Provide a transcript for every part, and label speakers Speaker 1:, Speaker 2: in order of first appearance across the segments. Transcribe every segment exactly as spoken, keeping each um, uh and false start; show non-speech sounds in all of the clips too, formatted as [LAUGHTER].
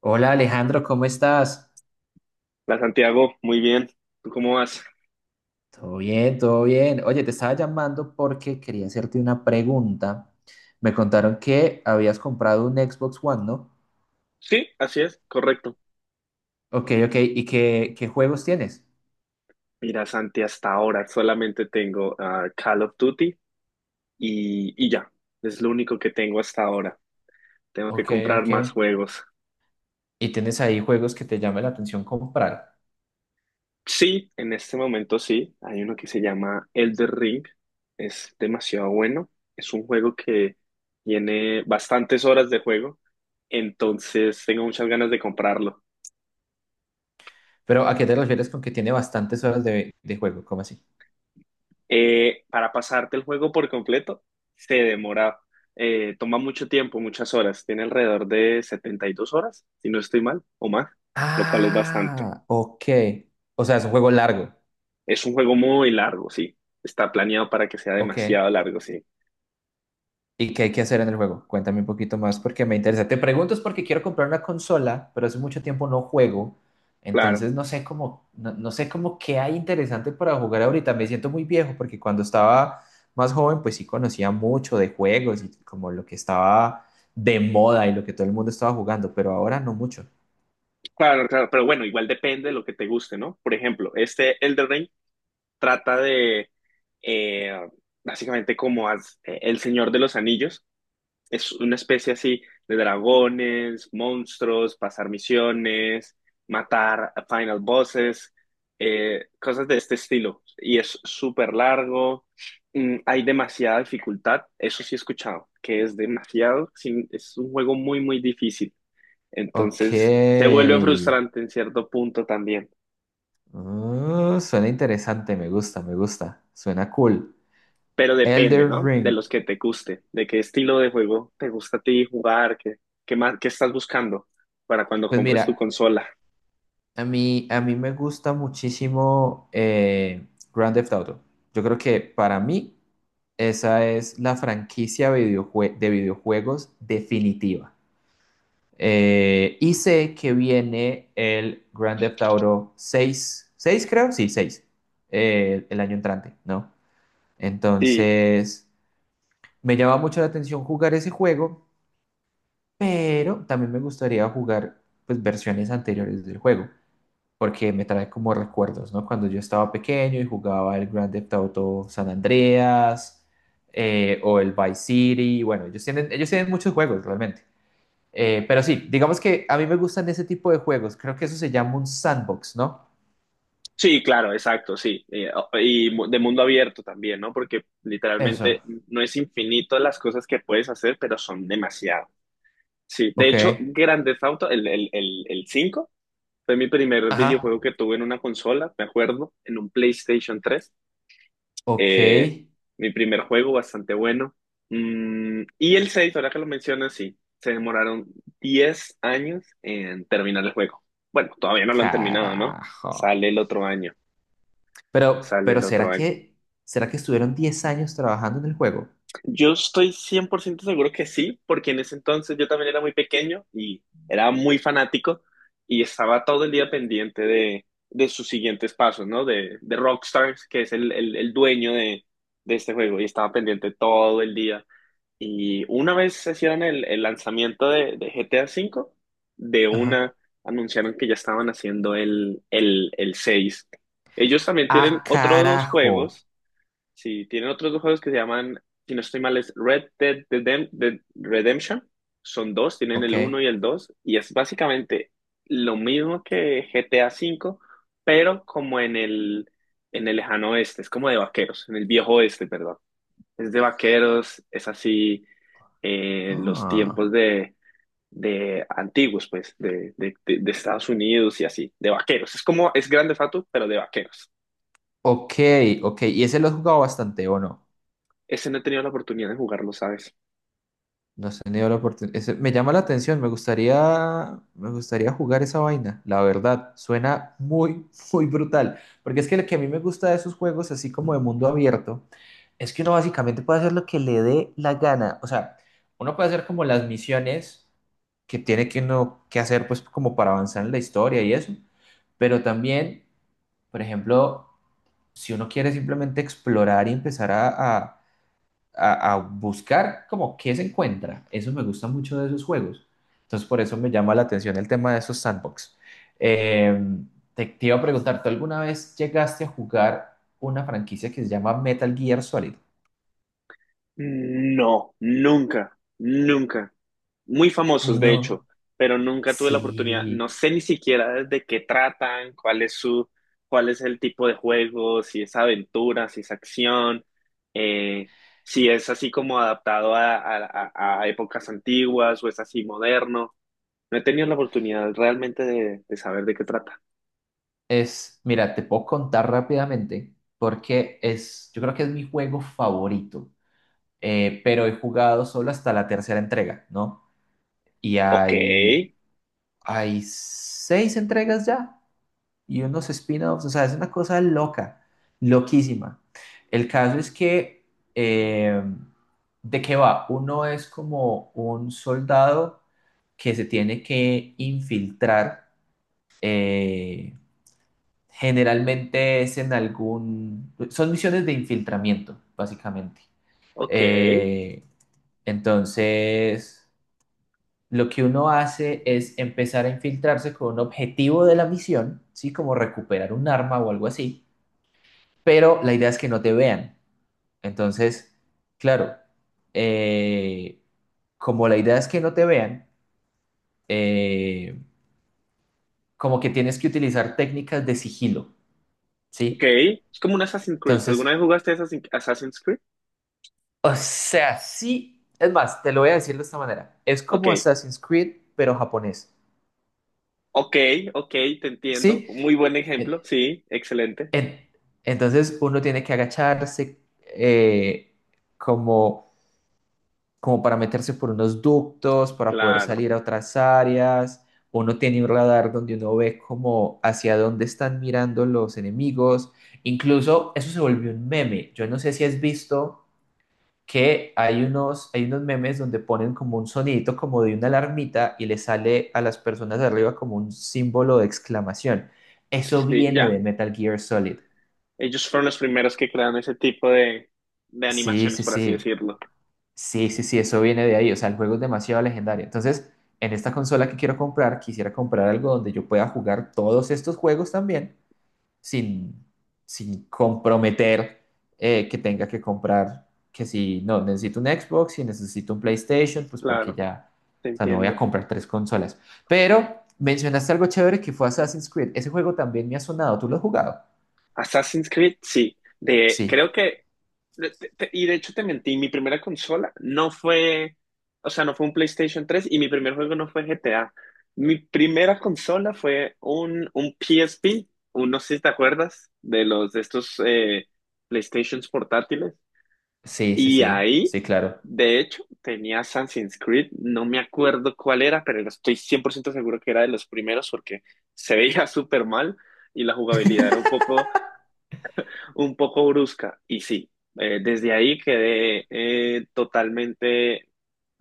Speaker 1: Hola Alejandro, ¿cómo estás?
Speaker 2: Hola Santiago, muy bien. ¿Tú cómo vas?
Speaker 1: Todo bien, todo bien. Oye, te estaba llamando porque quería hacerte una pregunta. Me contaron que habías comprado un Xbox One, ¿no?
Speaker 2: Sí, así es, correcto.
Speaker 1: Ok, ok. ¿Y qué, qué juegos tienes?
Speaker 2: Mira, Santi, hasta ahora solamente tengo ah, Call of Duty y, y ya. Es lo único que tengo hasta ahora. Tengo que
Speaker 1: Ok,
Speaker 2: comprar
Speaker 1: ok.
Speaker 2: más juegos.
Speaker 1: ¿Y tienes ahí juegos que te llame la atención comprar?
Speaker 2: Sí, en este momento sí. Hay uno que se llama Elder Ring. Es demasiado bueno. Es un juego que tiene bastantes horas de juego. Entonces tengo muchas ganas de comprarlo.
Speaker 1: Pero ¿a qué te refieres con que tiene bastantes horas de, de juego? ¿Cómo así?
Speaker 2: Eh, para pasarte el juego por completo, se demora, eh, toma mucho tiempo, muchas horas, tiene alrededor de setenta y dos horas, si no estoy mal, o más, lo cual es bastante.
Speaker 1: Ah, ok. O sea, es un juego largo.
Speaker 2: Es un juego muy largo, sí, está planeado para que sea
Speaker 1: Ok.
Speaker 2: demasiado largo, sí.
Speaker 1: ¿Y qué hay que hacer en el juego? Cuéntame un poquito más porque me interesa. Te pregunto es porque quiero comprar una consola, pero hace mucho tiempo no juego.
Speaker 2: Claro,
Speaker 1: Entonces no sé cómo, no, no sé cómo qué hay interesante para jugar ahorita. Me siento muy viejo porque cuando estaba más joven, pues sí conocía mucho de juegos y como lo que estaba de moda y lo que todo el mundo estaba jugando, pero ahora no mucho.
Speaker 2: claro, claro, pero bueno, igual depende de lo que te guste, ¿no? Por ejemplo, este Elden Ring trata de, eh, básicamente como as- eh, el Señor de los Anillos, es una especie así de dragones, monstruos, pasar misiones, matar a final bosses, eh, cosas de este estilo. Y es súper largo, mm, hay demasiada dificultad, eso sí he escuchado, que es demasiado, sí, es un juego muy, muy difícil.
Speaker 1: Ok.
Speaker 2: Entonces se vuelve frustrante en cierto punto también.
Speaker 1: Mm, suena interesante, me gusta, me gusta. Suena cool.
Speaker 2: Pero depende,
Speaker 1: Elder
Speaker 2: ¿no? De
Speaker 1: Ring.
Speaker 2: los que te guste, de qué estilo de juego te gusta a ti jugar, qué, qué más, qué estás buscando para cuando
Speaker 1: Pues
Speaker 2: compres tu
Speaker 1: mira.
Speaker 2: consola.
Speaker 1: A mí, a mí me gusta muchísimo eh, Grand Theft Auto. Yo creo que para mí esa es la franquicia videojue- de videojuegos definitiva. Eh, y sé que viene el Grand Theft Auto seis, seis creo, sí, seis, eh, el año entrante, ¿no?
Speaker 2: Sí,
Speaker 1: Entonces, me llama mucho la atención jugar ese juego, pero también me gustaría jugar pues versiones anteriores del juego, porque me trae como recuerdos, ¿no? Cuando yo estaba pequeño y jugaba el Grand Theft Auto San Andreas eh, o el Vice City, bueno, ellos tienen, ellos tienen muchos juegos realmente. Eh, pero sí, digamos que a mí me gustan ese tipo de juegos, creo que eso se llama un sandbox, ¿no?
Speaker 2: sí, claro, exacto, sí. Eh, o- Y, mu- de mundo abierto también, ¿no? Porque
Speaker 1: Eso,
Speaker 2: literalmente no es infinito las cosas que puedes hacer, pero son demasiado. Sí, de
Speaker 1: ok,
Speaker 2: hecho, Grand Theft Auto, el, el, el, el cinco fue mi primer
Speaker 1: ajá,
Speaker 2: videojuego que tuve en una consola, me acuerdo, en un PlayStation tres.
Speaker 1: ok,
Speaker 2: Eh, Mi primer juego, bastante bueno. Mm, y el seis, ahora que lo mencionas, sí, se demoraron diez años en terminar el juego. Bueno, todavía no lo han terminado, ¿no?
Speaker 1: carajo.
Speaker 2: Sale el otro año.
Speaker 1: Pero,
Speaker 2: sale
Speaker 1: pero
Speaker 2: el otro
Speaker 1: ¿será
Speaker 2: año.
Speaker 1: que, será que estuvieron diez años trabajando en el juego?
Speaker 2: Yo estoy cien por ciento seguro que sí, porque en ese entonces yo también era muy pequeño y era muy fanático y estaba todo el día pendiente de, de sus siguientes pasos, ¿no? De, de Rockstars, que es el, el, el dueño de, de este juego, y estaba pendiente todo el día. Y una vez se hicieron el, el lanzamiento de, de G T A V, de
Speaker 1: Ajá.
Speaker 2: una anunciaron que ya estaban haciendo el, el, el seis. Ellos también tienen
Speaker 1: Ah,
Speaker 2: otros dos
Speaker 1: carajo,
Speaker 2: juegos. Sí, tienen otros dos juegos que se llaman, si no estoy mal, es Red Dead Redem- Dead Redemption. Son dos, tienen
Speaker 1: ok.
Speaker 2: el uno y el dos, y es básicamente lo mismo que G T A V, pero como en el, en el lejano oeste, es como de vaqueros, en el viejo oeste, perdón. Es de vaqueros, es así, eh, los
Speaker 1: Ah.
Speaker 2: tiempos de, de antiguos, pues, de, de, de- de Estados Unidos y así, de vaqueros. Es como, es grande Theft Auto, pero de vaqueros.
Speaker 1: Ok, ok. ¿Y ese lo has jugado bastante o no?
Speaker 2: Ese no he tenido la oportunidad de jugarlo, ¿sabes?
Speaker 1: No has tenido la oportunidad. Ese me llama la atención, me gustaría, me gustaría jugar esa vaina, la verdad. Suena muy, [LAUGHS] muy brutal. Porque es que lo que a mí me gusta de esos juegos, así como de mundo abierto, es que uno básicamente puede hacer lo que le dé la gana. O sea, uno puede hacer como las misiones que tiene que uno que hacer, pues como para avanzar en la historia y eso. Pero también, por ejemplo, si uno quiere simplemente explorar y empezar a, a a, a buscar como qué se encuentra. Eso me gusta mucho de esos juegos. Entonces, por eso me llama la atención el tema de esos sandbox. Eh, te, te iba a preguntar, ¿tú alguna vez llegaste a jugar una franquicia que se llama Metal Gear Solid?
Speaker 2: No, nunca, nunca. Muy famosos, de hecho,
Speaker 1: No,
Speaker 2: pero nunca tuve la oportunidad. No
Speaker 1: sí,
Speaker 2: sé ni siquiera de qué tratan, cuál es su, cuál es el tipo de juego, si es aventura, si es acción, eh, si es así como adaptado a, a- a- a épocas antiguas o es así moderno. No he tenido la oportunidad realmente de, de saber de qué trata.
Speaker 1: es, mira, te puedo contar rápidamente porque es, yo creo que es mi juego favorito, eh, pero he jugado solo hasta la tercera entrega, ¿no? Y
Speaker 2: Ok,
Speaker 1: hay, hay seis entregas ya, y unos spin-offs, o sea, es una cosa loca, loquísima. El caso es que, eh, ¿de qué va? Uno es como un soldado que se tiene que infiltrar, eh, generalmente es en algún, son misiones de infiltramiento, básicamente.
Speaker 2: ok,
Speaker 1: Eh, entonces, lo que uno hace es empezar a infiltrarse con un objetivo de la misión, ¿sí? Como recuperar un arma o algo así, pero la idea es que no te vean. Entonces, claro, eh, como la idea es que no te vean, eh, como que tienes que utilizar técnicas de sigilo,
Speaker 2: ok.
Speaker 1: ¿sí?
Speaker 2: Es como un Assassin's Creed. ¿Alguna
Speaker 1: Entonces,
Speaker 2: vez jugaste Assassin- Assassin's Creed?
Speaker 1: o sea, sí, es más, te lo voy a decir de esta manera, es
Speaker 2: Ok.
Speaker 1: como Assassin's Creed, pero japonés,
Speaker 2: Ok, ok, te entiendo.
Speaker 1: ¿sí?
Speaker 2: Muy buen
Speaker 1: En-
Speaker 2: ejemplo, sí, excelente.
Speaker 1: en- entonces uno tiene que agacharse, eh, como como para meterse por unos ductos, para poder
Speaker 2: Claro,
Speaker 1: salir a otras áreas. Uno tiene un radar donde uno ve como hacia dónde están mirando los enemigos. Incluso eso se volvió un meme. Yo no sé si has visto que hay unos, hay unos memes donde ponen como un sonidito como de una alarmita y le sale a las personas de arriba como un símbolo de exclamación. Eso
Speaker 2: sí,
Speaker 1: viene
Speaker 2: ya.
Speaker 1: de Metal Gear Solid.
Speaker 2: Ellos fueron los primeros que crearon ese tipo de, de
Speaker 1: Sí,
Speaker 2: animaciones,
Speaker 1: sí,
Speaker 2: por así
Speaker 1: sí.
Speaker 2: decirlo.
Speaker 1: Sí, sí, sí, eso viene de ahí. O sea, el juego es demasiado legendario. Entonces, en esta consola que quiero comprar, quisiera comprar algo donde yo pueda jugar todos estos juegos también sin, sin comprometer eh, que tenga que comprar, que si no, necesito un Xbox, si necesito un PlayStation, pues porque
Speaker 2: Claro,
Speaker 1: ya,
Speaker 2: te
Speaker 1: o sea, no voy a
Speaker 2: entiendo.
Speaker 1: comprar tres consolas. Pero mencionaste algo chévere que fue Assassin's Creed. Ese juego también me ha sonado. ¿Tú lo has jugado?
Speaker 2: Assassin's Creed, sí. De,
Speaker 1: Sí,
Speaker 2: creo que, de- te- te- y de hecho te mentí, mi primera consola no fue, o sea, no fue un PlayStation tres y mi primer juego no fue G T A. Mi primera consola fue un, un P S P, un, no sé si te acuerdas, de los de estos eh, PlayStations portátiles.
Speaker 1: sí, sí,
Speaker 2: Y
Speaker 1: sí,
Speaker 2: ahí,
Speaker 1: sí, claro.
Speaker 2: de hecho, tenía Assassin's Creed, no me acuerdo cuál era, pero estoy cien por ciento seguro que era de los primeros porque se veía [LAUGHS] súper mal y la jugabilidad era un poco, un poco brusca. Y sí, eh, desde ahí quedé eh, totalmente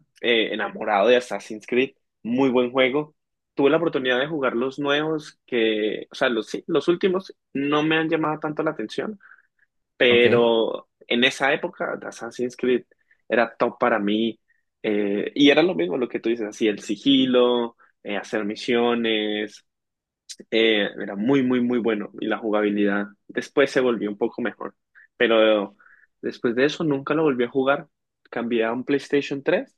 Speaker 2: eh, enamorado de Assassin's Creed, muy buen juego. Tuve la oportunidad de jugar los nuevos que, o sea, los, sí, los últimos no me han llamado tanto la atención,
Speaker 1: Ok.
Speaker 2: pero en esa época Assassin's Creed era top para mí eh, y era lo mismo lo que tú dices, así el sigilo, eh, hacer misiones, eh, era muy, muy, muy bueno y la jugabilidad después se volvió un poco mejor, pero después de eso nunca lo volví a jugar, cambié a un PlayStation tres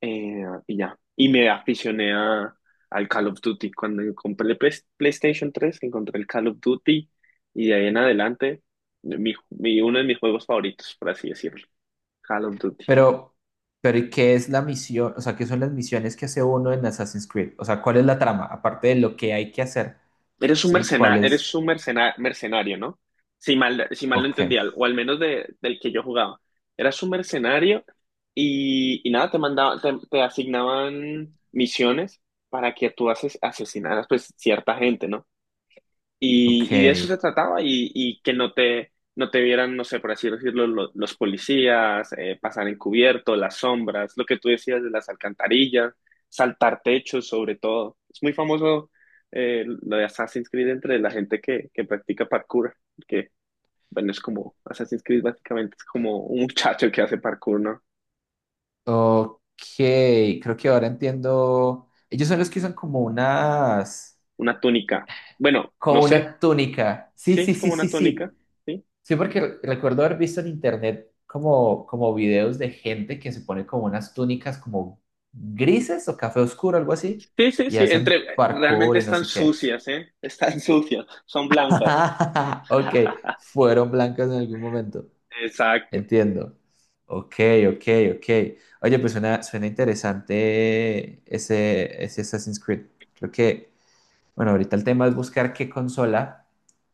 Speaker 2: eh, y ya. Y me aficioné a, al Call of Duty. Cuando compré el Play- PlayStation tres, encontré el Call of Duty y de ahí en adelante, mi, mi- uno de mis juegos favoritos, por así decirlo. Call of Duty.
Speaker 1: Pero, pero ¿y qué es la misión? O sea, ¿qué son las misiones que hace uno en Assassin's Creed? O sea, ¿cuál es la trama? Aparte de lo que hay que hacer,
Speaker 2: Eres un
Speaker 1: ¿sí?
Speaker 2: mercena,
Speaker 1: ¿Cuál
Speaker 2: eres
Speaker 1: es?
Speaker 2: un mercena- mercenario, ¿no? Si mal, si mal lo
Speaker 1: Ok,
Speaker 2: entendía, o al menos de, del que yo jugaba. Eras un mercenario y, y nada, te mandaban, te, te asignaban misiones para que tú ases- asesinaras pues cierta gente, ¿no? Y,
Speaker 1: ok,
Speaker 2: y de eso se trataba y, y que no te, no te vieran, no sé, por así decirlo, lo- los policías, eh, pasar encubierto, las sombras, lo que tú decías de las alcantarillas, saltar techos sobre todo. Es muy famoso eh, lo de Assassin's Creed entre la gente que, que practica parkour, que, bueno, es como Assassin's Creed básicamente, es como un muchacho que hace parkour, ¿no?
Speaker 1: ok. Creo que ahora entiendo. Ellos son los que usan como unas,
Speaker 2: Una túnica. Bueno, no
Speaker 1: como
Speaker 2: sé,
Speaker 1: una túnica. Sí,
Speaker 2: sí,
Speaker 1: sí,
Speaker 2: es
Speaker 1: sí,
Speaker 2: como
Speaker 1: sí,
Speaker 2: una túnica,
Speaker 1: sí.
Speaker 2: ¿sí?
Speaker 1: Sí, porque re- recuerdo haber visto en internet como, como videos de gente que se pone como unas túnicas como grises o café oscuro, algo así,
Speaker 2: Sí, sí,
Speaker 1: y
Speaker 2: sí,
Speaker 1: hacen
Speaker 2: entre, realmente
Speaker 1: parkour y no
Speaker 2: están
Speaker 1: sé qué.
Speaker 2: sucias, ¿eh? [LAUGHS] Están sucias, son blancas.
Speaker 1: [LAUGHS] Ok,
Speaker 2: [LAUGHS]
Speaker 1: fueron blancas en algún momento.
Speaker 2: Exacto.
Speaker 1: Entiendo. Ok, ok, ok. Oye, pues suena, suena interesante ese, ese Assassin's Creed. Creo que, bueno, ahorita el tema es buscar qué consola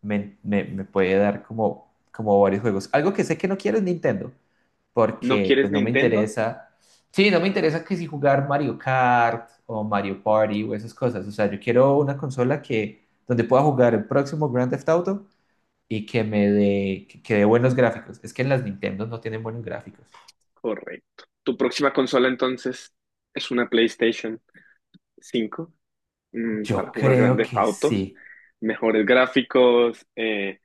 Speaker 1: me, me- me puede dar como, como varios juegos. Algo que sé que no quiero es Nintendo,
Speaker 2: ¿No
Speaker 1: porque
Speaker 2: quieres
Speaker 1: pues no me
Speaker 2: Nintendo?
Speaker 1: interesa. Sí, no me interesa que si jugar Mario Kart o Mario Party o esas cosas. O sea, yo quiero una consola que, donde pueda jugar el próximo Grand Theft Auto y que me dé que que dé buenos gráficos. Es que en las Nintendo no tienen buenos gráficos.
Speaker 2: Correcto. ¿Tu próxima consola entonces es una PlayStation cinco mm, para
Speaker 1: Yo
Speaker 2: jugar
Speaker 1: creo
Speaker 2: grandes
Speaker 1: que
Speaker 2: autos,
Speaker 1: sí.
Speaker 2: mejores gráficos, eh,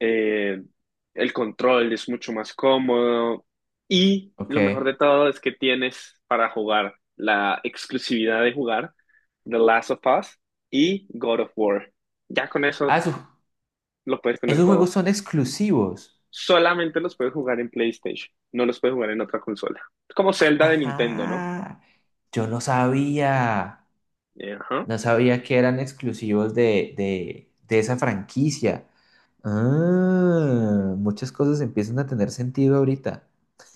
Speaker 2: eh, el control es mucho más cómodo y
Speaker 1: Ok.
Speaker 2: lo mejor de todo es que tienes para jugar la exclusividad de jugar The Last of Us y God of War? Ya con eso
Speaker 1: Ah, su-
Speaker 2: lo puedes tener
Speaker 1: esos juegos
Speaker 2: todo.
Speaker 1: son exclusivos.
Speaker 2: Solamente los puedes jugar en PlayStation, no los puedes jugar en otra consola. Como Zelda de Nintendo, ¿no?
Speaker 1: Ajá. Yo no sabía.
Speaker 2: Eh, Ajá.
Speaker 1: No sabía que eran exclusivos de, de, de esa franquicia. Ah, muchas cosas empiezan a tener sentido ahorita.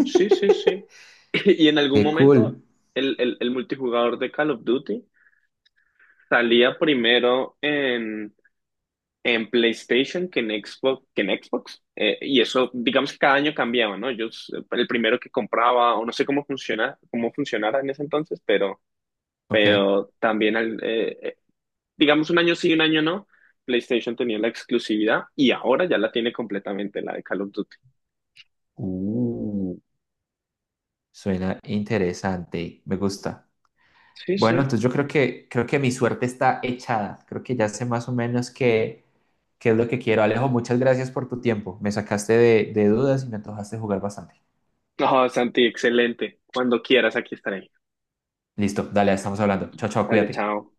Speaker 2: Sí, sí, sí. [LAUGHS] Y en algún
Speaker 1: Qué
Speaker 2: momento
Speaker 1: cool.
Speaker 2: el, el, el multijugador de Call of Duty salía primero en en PlayStation que en Xbox, que en Xbox. Eh, y eso, digamos que cada año cambiaba, ¿no? Yo s- el primero que compraba, o no sé cómo funciona, cómo funcionara en ese entonces, pero,
Speaker 1: Ok.
Speaker 2: pero también, al- eh, eh, digamos, un año sí, un año no, PlayStation tenía la exclusividad y ahora ya la tiene completamente, la de Call of Duty.
Speaker 1: Uh, suena interesante. Me gusta.
Speaker 2: Sí,
Speaker 1: Bueno,
Speaker 2: sí.
Speaker 1: entonces yo creo que, creo que mi suerte está echada. Creo que ya sé más o menos qué, qué es lo que quiero. Alejo, muchas gracias por tu tiempo. Me sacaste de, de dudas y me antojaste jugar bastante.
Speaker 2: No, Santi, excelente. Cuando quieras, aquí estaré.
Speaker 1: Listo, dale, estamos hablando. Chao, chao,
Speaker 2: Dale,
Speaker 1: cuídate.
Speaker 2: chao.